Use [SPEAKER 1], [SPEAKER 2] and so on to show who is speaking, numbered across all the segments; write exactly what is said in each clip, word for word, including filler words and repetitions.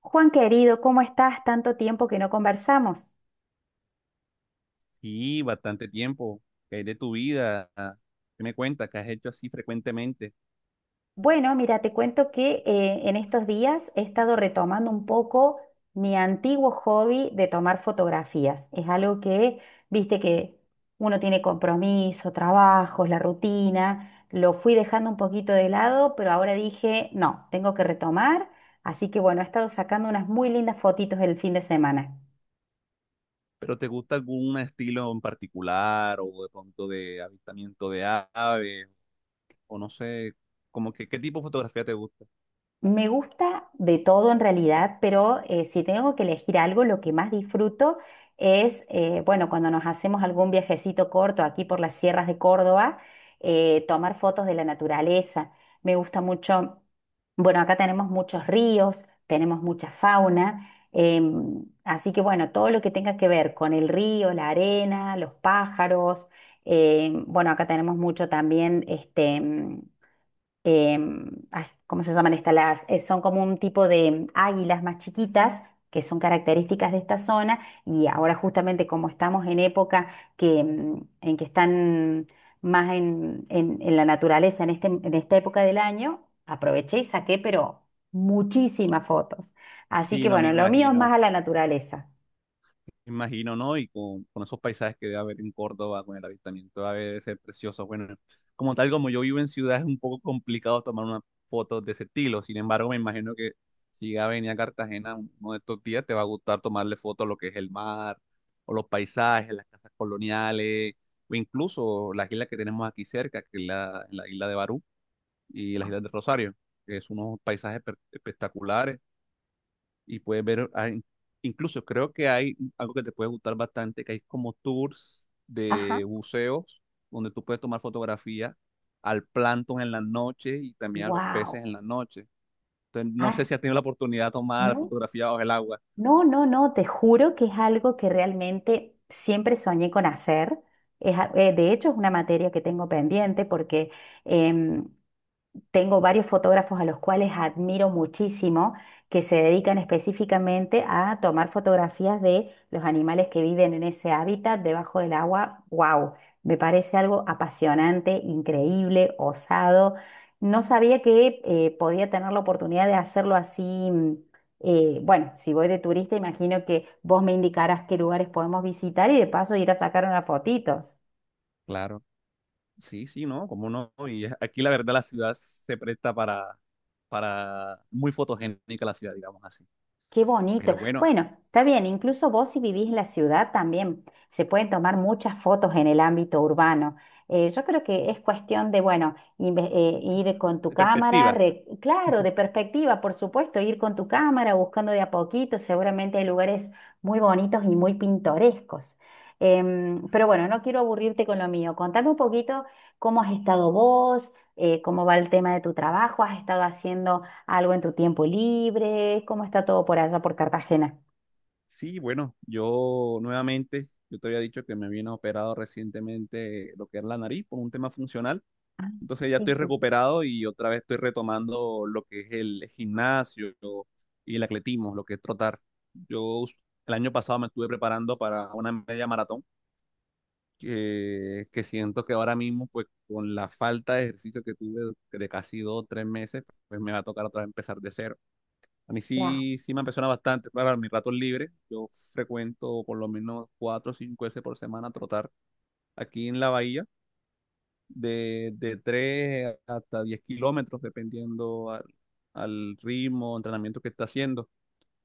[SPEAKER 1] Juan querido, ¿cómo estás? Tanto tiempo que no conversamos.
[SPEAKER 2] Y bastante tiempo, ¿que hay de tu vida? ¿Qué me cuentas? ¿Qué has hecho así frecuentemente?
[SPEAKER 1] Bueno, mira, te cuento que eh, en estos días he estado retomando un poco mi antiguo hobby de tomar fotografías. Es algo que, viste que uno tiene compromiso, trabajos, la rutina. Lo fui dejando un poquito de lado, pero ahora dije, no, tengo que retomar. Así que bueno, he estado sacando unas muy lindas fotitos el fin de semana.
[SPEAKER 2] ¿Pero te gusta algún estilo en particular o de pronto de avistamiento de aves? O no sé, como que qué tipo de fotografía te gusta.
[SPEAKER 1] Me gusta de todo en realidad, pero eh, si tengo que elegir algo, lo que más disfruto es, eh, bueno, cuando nos hacemos algún viajecito corto aquí por las sierras de Córdoba, eh, tomar fotos de la naturaleza. Me gusta mucho, bueno, acá tenemos muchos ríos, tenemos mucha fauna, em, así que bueno, todo lo que tenga que ver con el río, la arena, los pájaros, em, bueno, acá tenemos mucho también, este em, ay, ¿cómo se llaman estas? Las, eh, son como un tipo de águilas más chiquitas que son características de esta zona y ahora justamente como estamos en época que, em, en que están más en, en- en la naturaleza en, este, en esta época del año, aproveché y saqué, pero muchísimas fotos. Así
[SPEAKER 2] Sí,
[SPEAKER 1] que
[SPEAKER 2] no me
[SPEAKER 1] bueno, lo mío es más
[SPEAKER 2] imagino.
[SPEAKER 1] a la naturaleza.
[SPEAKER 2] Me imagino, ¿no? Y con, con esos paisajes que debe haber en Córdoba, con el avistamiento, debe de ser precioso. Bueno, como tal, como yo vivo en ciudad, es un poco complicado tomar unas fotos de ese estilo. Sin embargo, me imagino que si ya venía a Cartagena uno de estos días, te va a gustar tomarle fotos a lo que es el mar, o los paisajes, las casas coloniales, o incluso las islas que tenemos aquí cerca, que es la, la isla de Barú y las islas de Rosario, que es unos paisajes per- espectaculares y puedes ver, hay- incluso creo que hay algo que te puede gustar bastante, que hay como tours
[SPEAKER 1] Ajá.
[SPEAKER 2] de buceos donde tú puedes tomar fotografía al plancton en la noche y también a los
[SPEAKER 1] Wow.
[SPEAKER 2] peces en la noche. Entonces, no sé
[SPEAKER 1] Ah,
[SPEAKER 2] si has tenido la oportunidad de tomar
[SPEAKER 1] no.
[SPEAKER 2] fotografía bajo el agua.
[SPEAKER 1] No, no, no, te juro que es algo que realmente siempre soñé con hacer. Es a- eh, de hecho, es una materia que tengo pendiente porque em, tengo varios fotógrafos a los cuales admiro muchísimo, que se dedican específicamente a tomar fotografías de los animales que viven en ese hábitat debajo del agua. ¡Wow! Me parece algo apasionante, increíble, osado. No sabía que eh, podía tener la oportunidad de hacerlo así. mm, eh, bueno, si voy de turista, imagino que vos me indicarás qué lugares podemos visitar y de paso ir a sacar unas fotitos.
[SPEAKER 2] Claro. Sí, sí, ¿no? ¿Cómo no? Y es- aquí la verdad la ciudad se presta para, para muy fotogénica la ciudad, digamos así.
[SPEAKER 1] Qué bonito.
[SPEAKER 2] Pero bueno,
[SPEAKER 1] Bueno, está bien, incluso vos si vivís en la ciudad también se pueden tomar muchas fotos en el ámbito urbano. Eh, yo creo que es cuestión de, bueno, inve- eh, ir con tu
[SPEAKER 2] de
[SPEAKER 1] cámara,
[SPEAKER 2] perspectiva.
[SPEAKER 1] re- claro, de perspectiva, por supuesto, ir con tu cámara buscando de a poquito, seguramente hay lugares muy bonitos y muy pintorescos. Em, pero bueno, no quiero aburrirte con lo mío. Contame un poquito cómo has estado vos, eh, ¿cómo va el tema de tu trabajo, has estado haciendo algo en tu tiempo libre? ¿Cómo está todo por allá por Cartagena?
[SPEAKER 2] Sí, bueno, yo nuevamente, yo te había dicho que me vino operado recientemente lo que es la nariz por un tema funcional.
[SPEAKER 1] Ah,
[SPEAKER 2] Entonces ya
[SPEAKER 1] sí,
[SPEAKER 2] estoy
[SPEAKER 1] sí,
[SPEAKER 2] recuperado y otra vez estoy retomando lo que es el gimnasio y el atletismo, lo que es trotar. Yo el año pasado me estuve preparando para una media maratón que, que siento que ahora mismo, pues con la falta de ejercicio que tuve de casi dos o tres meses, pues me va a tocar otra vez empezar de cero. A mí
[SPEAKER 1] claro,
[SPEAKER 2] sí, sí me apasiona bastante. Para mis ratos libres, yo frecuento por lo menos cuatro o cinco veces por semana trotar aquí en la bahía, de, de tres hasta diez kilómetros, dependiendo al, al ritmo, entrenamiento que está haciendo.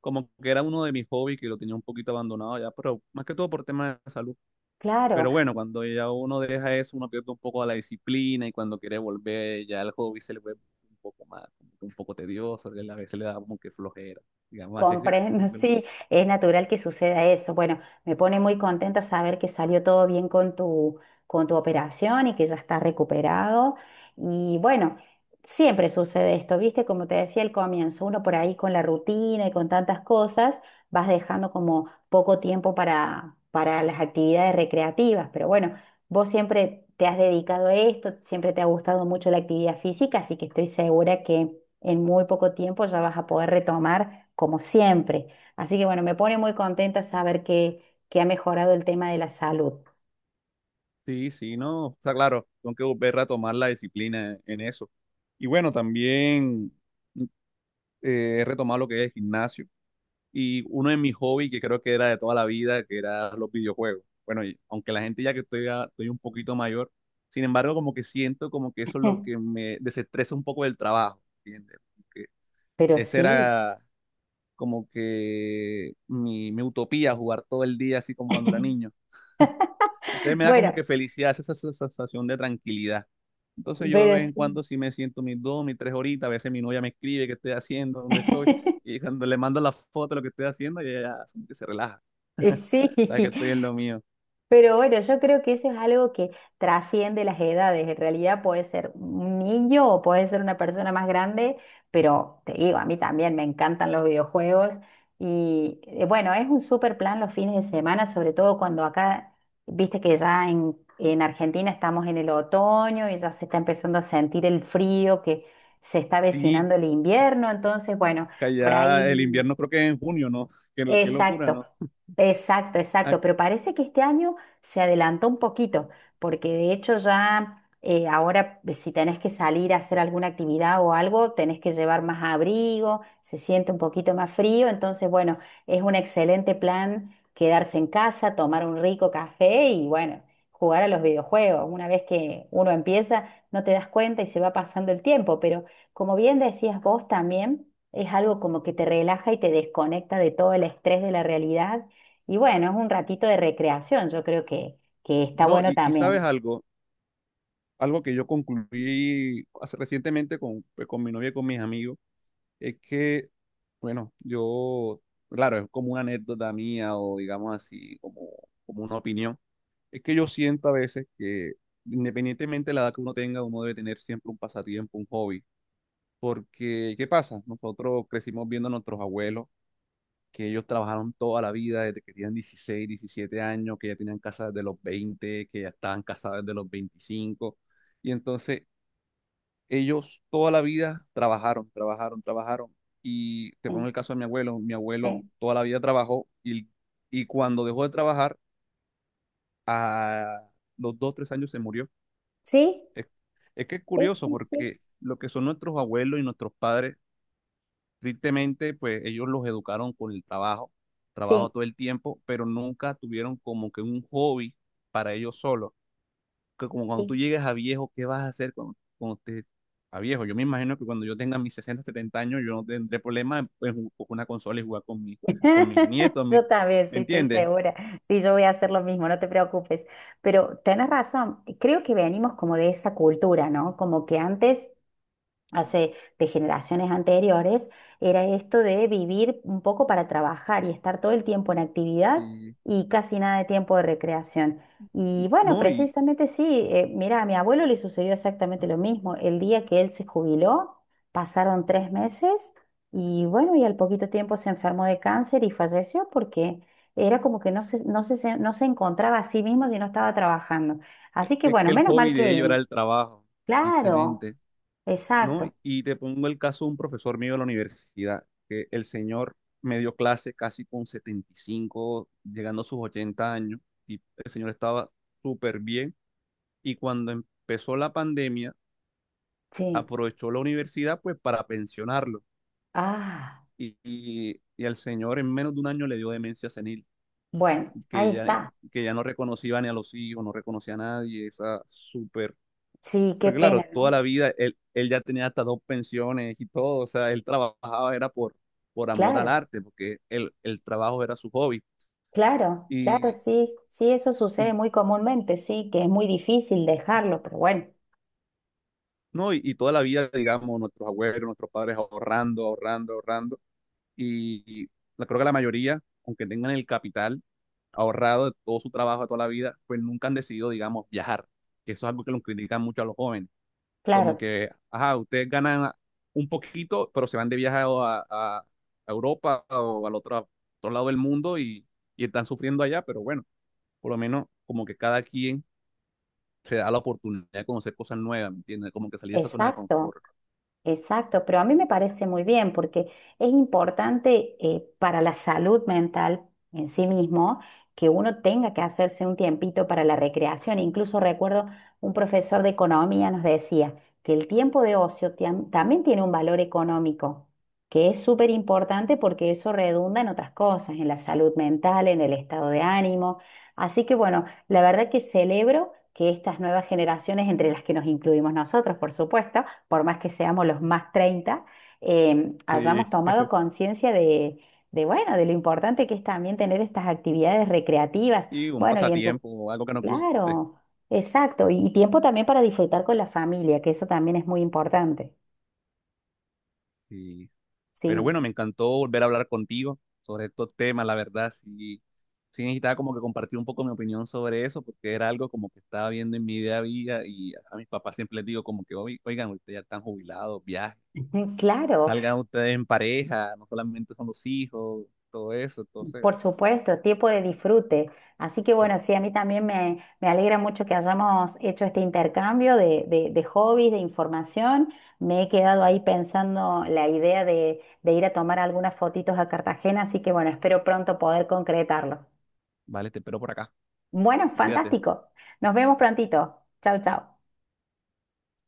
[SPEAKER 2] Como que era uno de mis hobbies que lo tenía un poquito abandonado ya, pero más que todo por temas de salud.
[SPEAKER 1] claro.
[SPEAKER 2] Pero bueno, cuando ya uno deja eso, uno pierde un poco la disciplina y cuando quiere volver, ya el hobby se le vuelve un poco más, un poco tedioso, y a veces le da como que flojera digamos así, es
[SPEAKER 1] Comprendo,
[SPEAKER 2] como que
[SPEAKER 1] sí, es natural que suceda eso. Bueno, me pone muy contenta saber que salió todo bien con tu, con tu operación y que ya está recuperado. Y bueno, siempre sucede esto, ¿viste? Como te decía al comienzo, uno por ahí con la rutina y con tantas cosas, vas dejando como poco tiempo para, para las actividades recreativas. Pero bueno, vos siempre te has dedicado a esto, siempre te ha gustado mucho la actividad física, así que estoy segura que en muy poco tiempo ya vas a poder retomar como siempre. Así que bueno, me pone muy contenta saber que, que ha mejorado el tema de la salud.
[SPEAKER 2] sí, sí, no, está claro, tengo que volver a tomar la disciplina en eso. Y bueno, también eh, he retomado lo que es el gimnasio y uno de mis hobbies que creo que era de toda la vida, que era los videojuegos. Bueno, y aunque la gente ya que estoy, a- estoy un poquito mayor, sin embargo, como que siento como que eso es lo que me desestresa un poco del trabajo, ¿entiendes? Como que
[SPEAKER 1] Pero
[SPEAKER 2] esa
[SPEAKER 1] sí,
[SPEAKER 2] era como que mi, mi utopía, jugar todo el día así como cuando era niño. Entonces me da como
[SPEAKER 1] bueno,
[SPEAKER 2] que felicidad, esa esa sensación de tranquilidad. Entonces yo de
[SPEAKER 1] pero
[SPEAKER 2] vez en
[SPEAKER 1] sí.
[SPEAKER 2] cuando sí me siento mis dos, mis tres horitas, a veces mi novia me escribe qué estoy haciendo, dónde estoy, y cuando le mando la foto de lo que estoy haciendo, ella ya como que se relaja,
[SPEAKER 1] Y sí,
[SPEAKER 2] sabe que estoy en lo mío.
[SPEAKER 1] pero bueno, yo creo que eso es algo que trasciende las edades. En realidad puede ser un niño o puede ser una persona más grande, pero te digo, a mí también me encantan los videojuegos. Y eh, bueno, es un super plan los fines de semana, sobre todo cuando acá, viste que ya en, en Argentina estamos en el otoño y ya se está empezando a sentir el frío, que se está
[SPEAKER 2] Sí,
[SPEAKER 1] avecinando el invierno. Entonces, bueno,
[SPEAKER 2] que
[SPEAKER 1] por
[SPEAKER 2] allá el
[SPEAKER 1] ahí.
[SPEAKER 2] invierno creo que es en junio, ¿no? Qué, qué locura,
[SPEAKER 1] Exacto,
[SPEAKER 2] ¿no?
[SPEAKER 1] exacto,
[SPEAKER 2] Ah,
[SPEAKER 1] exacto. Pero parece que este año se adelantó un poquito, porque de hecho ya eh, ahora eh, si tenés que salir a hacer alguna actividad o algo, tenés que llevar más abrigo, se siente un poquito más frío. Entonces, bueno, es un excelente plan quedarse en casa, tomar un rico café y bueno, jugar a los videojuegos. Una vez que uno empieza, no te das cuenta y se va pasando el tiempo. Pero como bien decías vos también. Es algo como que te relaja y te desconecta de todo el estrés de la realidad. Y bueno, es un ratito de recreación, yo creo que, que está
[SPEAKER 2] no,
[SPEAKER 1] bueno
[SPEAKER 2] y, y sabes
[SPEAKER 1] también.
[SPEAKER 2] algo, algo que yo concluí hace, recientemente con, pues, con mi novia y con mis amigos. Es que, bueno, yo, claro, es como una anécdota mía o digamos así, como, como una opinión. Es que yo siento a veces que independientemente de la edad que uno tenga, uno debe tener siempre un pasatiempo, un hobby. Porque, ¿qué pasa? Nosotros crecimos viendo a nuestros abuelos, que ellos trabajaron toda la vida desde que tenían dieciséis diecisiete años, que ya tenían casa desde los veinte que ya estaban casados desde los veinticinco. Y entonces ellos toda la vida trabajaron, trabajaron, trabajaron. Y te pongo el caso de mi abuelo. Mi abuelo
[SPEAKER 1] Sí,
[SPEAKER 2] toda la vida trabajó y, y cuando dejó de trabajar, a los dos, tres años se murió.
[SPEAKER 1] sí,
[SPEAKER 2] Es, es que es
[SPEAKER 1] sí,
[SPEAKER 2] curioso
[SPEAKER 1] sí, sí,
[SPEAKER 2] porque lo que son nuestros abuelos y nuestros padres, tristemente, pues ellos los educaron con el trabajo,
[SPEAKER 1] sí.
[SPEAKER 2] trabajo todo
[SPEAKER 1] Sí,
[SPEAKER 2] el tiempo, pero nunca tuvieron como que un hobby para ellos solos. Que como cuando
[SPEAKER 1] sí.
[SPEAKER 2] tú llegues a viejo, ¿qué vas a hacer cuando, cuando te, a viejo? Yo me imagino que cuando yo tenga mis sesenta setenta años, yo no tendré problema en, en ju- con una consola y jugar con, mi, con mis nietos, mi-
[SPEAKER 1] Yo también,
[SPEAKER 2] ¿me
[SPEAKER 1] sí, estoy
[SPEAKER 2] entiendes?
[SPEAKER 1] segura. Sí, yo voy a hacer lo mismo, no te preocupes. Pero tenés razón, creo que venimos como de esa cultura, ¿no? Como que antes hace de generaciones anteriores, era esto de vivir un poco para trabajar y estar todo el tiempo en actividad
[SPEAKER 2] Y,
[SPEAKER 1] y casi nada de tiempo de recreación. Y bueno,
[SPEAKER 2] no, y
[SPEAKER 1] precisamente sí, eh, mira, a mi abuelo le sucedió exactamente lo mismo. El día que él se jubiló, pasaron tres meses y bueno, y al poquito tiempo se enfermó de cáncer y falleció porque era como que no se, no se, se- no se encontraba a sí mismo si no estaba trabajando.
[SPEAKER 2] e-
[SPEAKER 1] Así que
[SPEAKER 2] es que
[SPEAKER 1] bueno,
[SPEAKER 2] el
[SPEAKER 1] menos mal
[SPEAKER 2] hobby de ellos era
[SPEAKER 1] que,
[SPEAKER 2] el trabajo,
[SPEAKER 1] claro,
[SPEAKER 2] tristemente, ¿no?
[SPEAKER 1] exacto,
[SPEAKER 2] Y te pongo el caso de un profesor mío de la universidad, que el señor me dio clase casi con setenta y cinco llegando a sus ochenta años, y el señor estaba súper bien, y cuando empezó la pandemia,
[SPEAKER 1] sí.
[SPEAKER 2] aprovechó la universidad pues para pensionarlo.
[SPEAKER 1] Ah,
[SPEAKER 2] Y, y, y al señor en menos de un año le dio demencia senil,
[SPEAKER 1] bueno, ahí
[SPEAKER 2] que ya,
[SPEAKER 1] está.
[SPEAKER 2] que ya no reconocía ni a los hijos, no reconocía a nadie, esa súper...
[SPEAKER 1] Sí, qué
[SPEAKER 2] Pero claro,
[SPEAKER 1] pena,
[SPEAKER 2] toda la
[SPEAKER 1] ¿no?
[SPEAKER 2] vida él, él ya tenía hasta dos pensiones y todo, o sea, él trabajaba era por, por amor al
[SPEAKER 1] Claro,
[SPEAKER 2] arte, porque el, el trabajo era su hobby.
[SPEAKER 1] claro, claro,
[SPEAKER 2] Y,
[SPEAKER 1] sí, sí, eso sucede
[SPEAKER 2] y,
[SPEAKER 1] muy comúnmente, sí, que es muy difícil dejarlo, pero bueno,
[SPEAKER 2] no, y, y toda la vida, digamos, nuestros abuelos, nuestros padres ahorrando, ahorrando, ahorrando. Y, y la- creo que la mayoría, aunque tengan el capital, ahorrado de todo su trabajo de toda la vida, pues nunca han decidido, digamos, viajar, que eso es algo que los critican mucho a los jóvenes, como
[SPEAKER 1] claro,
[SPEAKER 2] que, ajá, ustedes ganan un poquito, pero se van de viaje a, a- a Europa o al otro, otro lado del mundo y, y están sufriendo allá, pero bueno, por lo menos como que cada quien se da la oportunidad de conocer cosas nuevas, ¿me entiendes? Como que salir de esa zona de
[SPEAKER 1] exacto.
[SPEAKER 2] confort.
[SPEAKER 1] Exacto, pero a mí me parece muy bien porque es importante eh, para la salud mental en sí mismo que uno tenga que hacerse un tiempito para la recreación. Incluso recuerdo un profesor de economía nos decía que el tiempo de ocio tiam- también tiene un valor económico, que es súper importante porque eso redunda en otras cosas, en la salud mental, en el estado de ánimo. Así que bueno, la verdad que celebro que estas nuevas generaciones, entre las que nos incluimos nosotros, por supuesto, por más que seamos los más treinta, eh, hayamos
[SPEAKER 2] Sí.
[SPEAKER 1] tomado conciencia de, de, bueno, de lo importante que es también tener estas actividades recreativas.
[SPEAKER 2] Y un
[SPEAKER 1] Bueno, y en tu,
[SPEAKER 2] pasatiempo, algo que nos guste.
[SPEAKER 1] claro, exacto, y tiempo también para disfrutar con la familia, que eso también es muy importante.
[SPEAKER 2] Y pero
[SPEAKER 1] Sí,
[SPEAKER 2] bueno, me encantó volver a hablar contigo sobre estos temas, la verdad, sí, sí necesitaba como que compartir un poco mi opinión sobre eso, porque era algo como que estaba viendo en mi día a día y a mis papás siempre les digo como que, "Oy- oigan, ustedes ya están jubilados, viajen,
[SPEAKER 1] claro.
[SPEAKER 2] salgan ustedes en pareja, no solamente son los hijos, todo eso, entonces,
[SPEAKER 1] Por supuesto, tiempo de disfrute. Así que bueno, sí, a mí también me, me alegra mucho que hayamos hecho este intercambio de, de- de hobbies, de información. Me he quedado ahí pensando la idea de, de ir a tomar algunas fotitos a Cartagena, así que bueno, espero pronto poder concretarlo.
[SPEAKER 2] vale, te espero por acá,
[SPEAKER 1] Bueno,
[SPEAKER 2] cuídate.
[SPEAKER 1] fantástico. Nos vemos prontito. Chau, chau.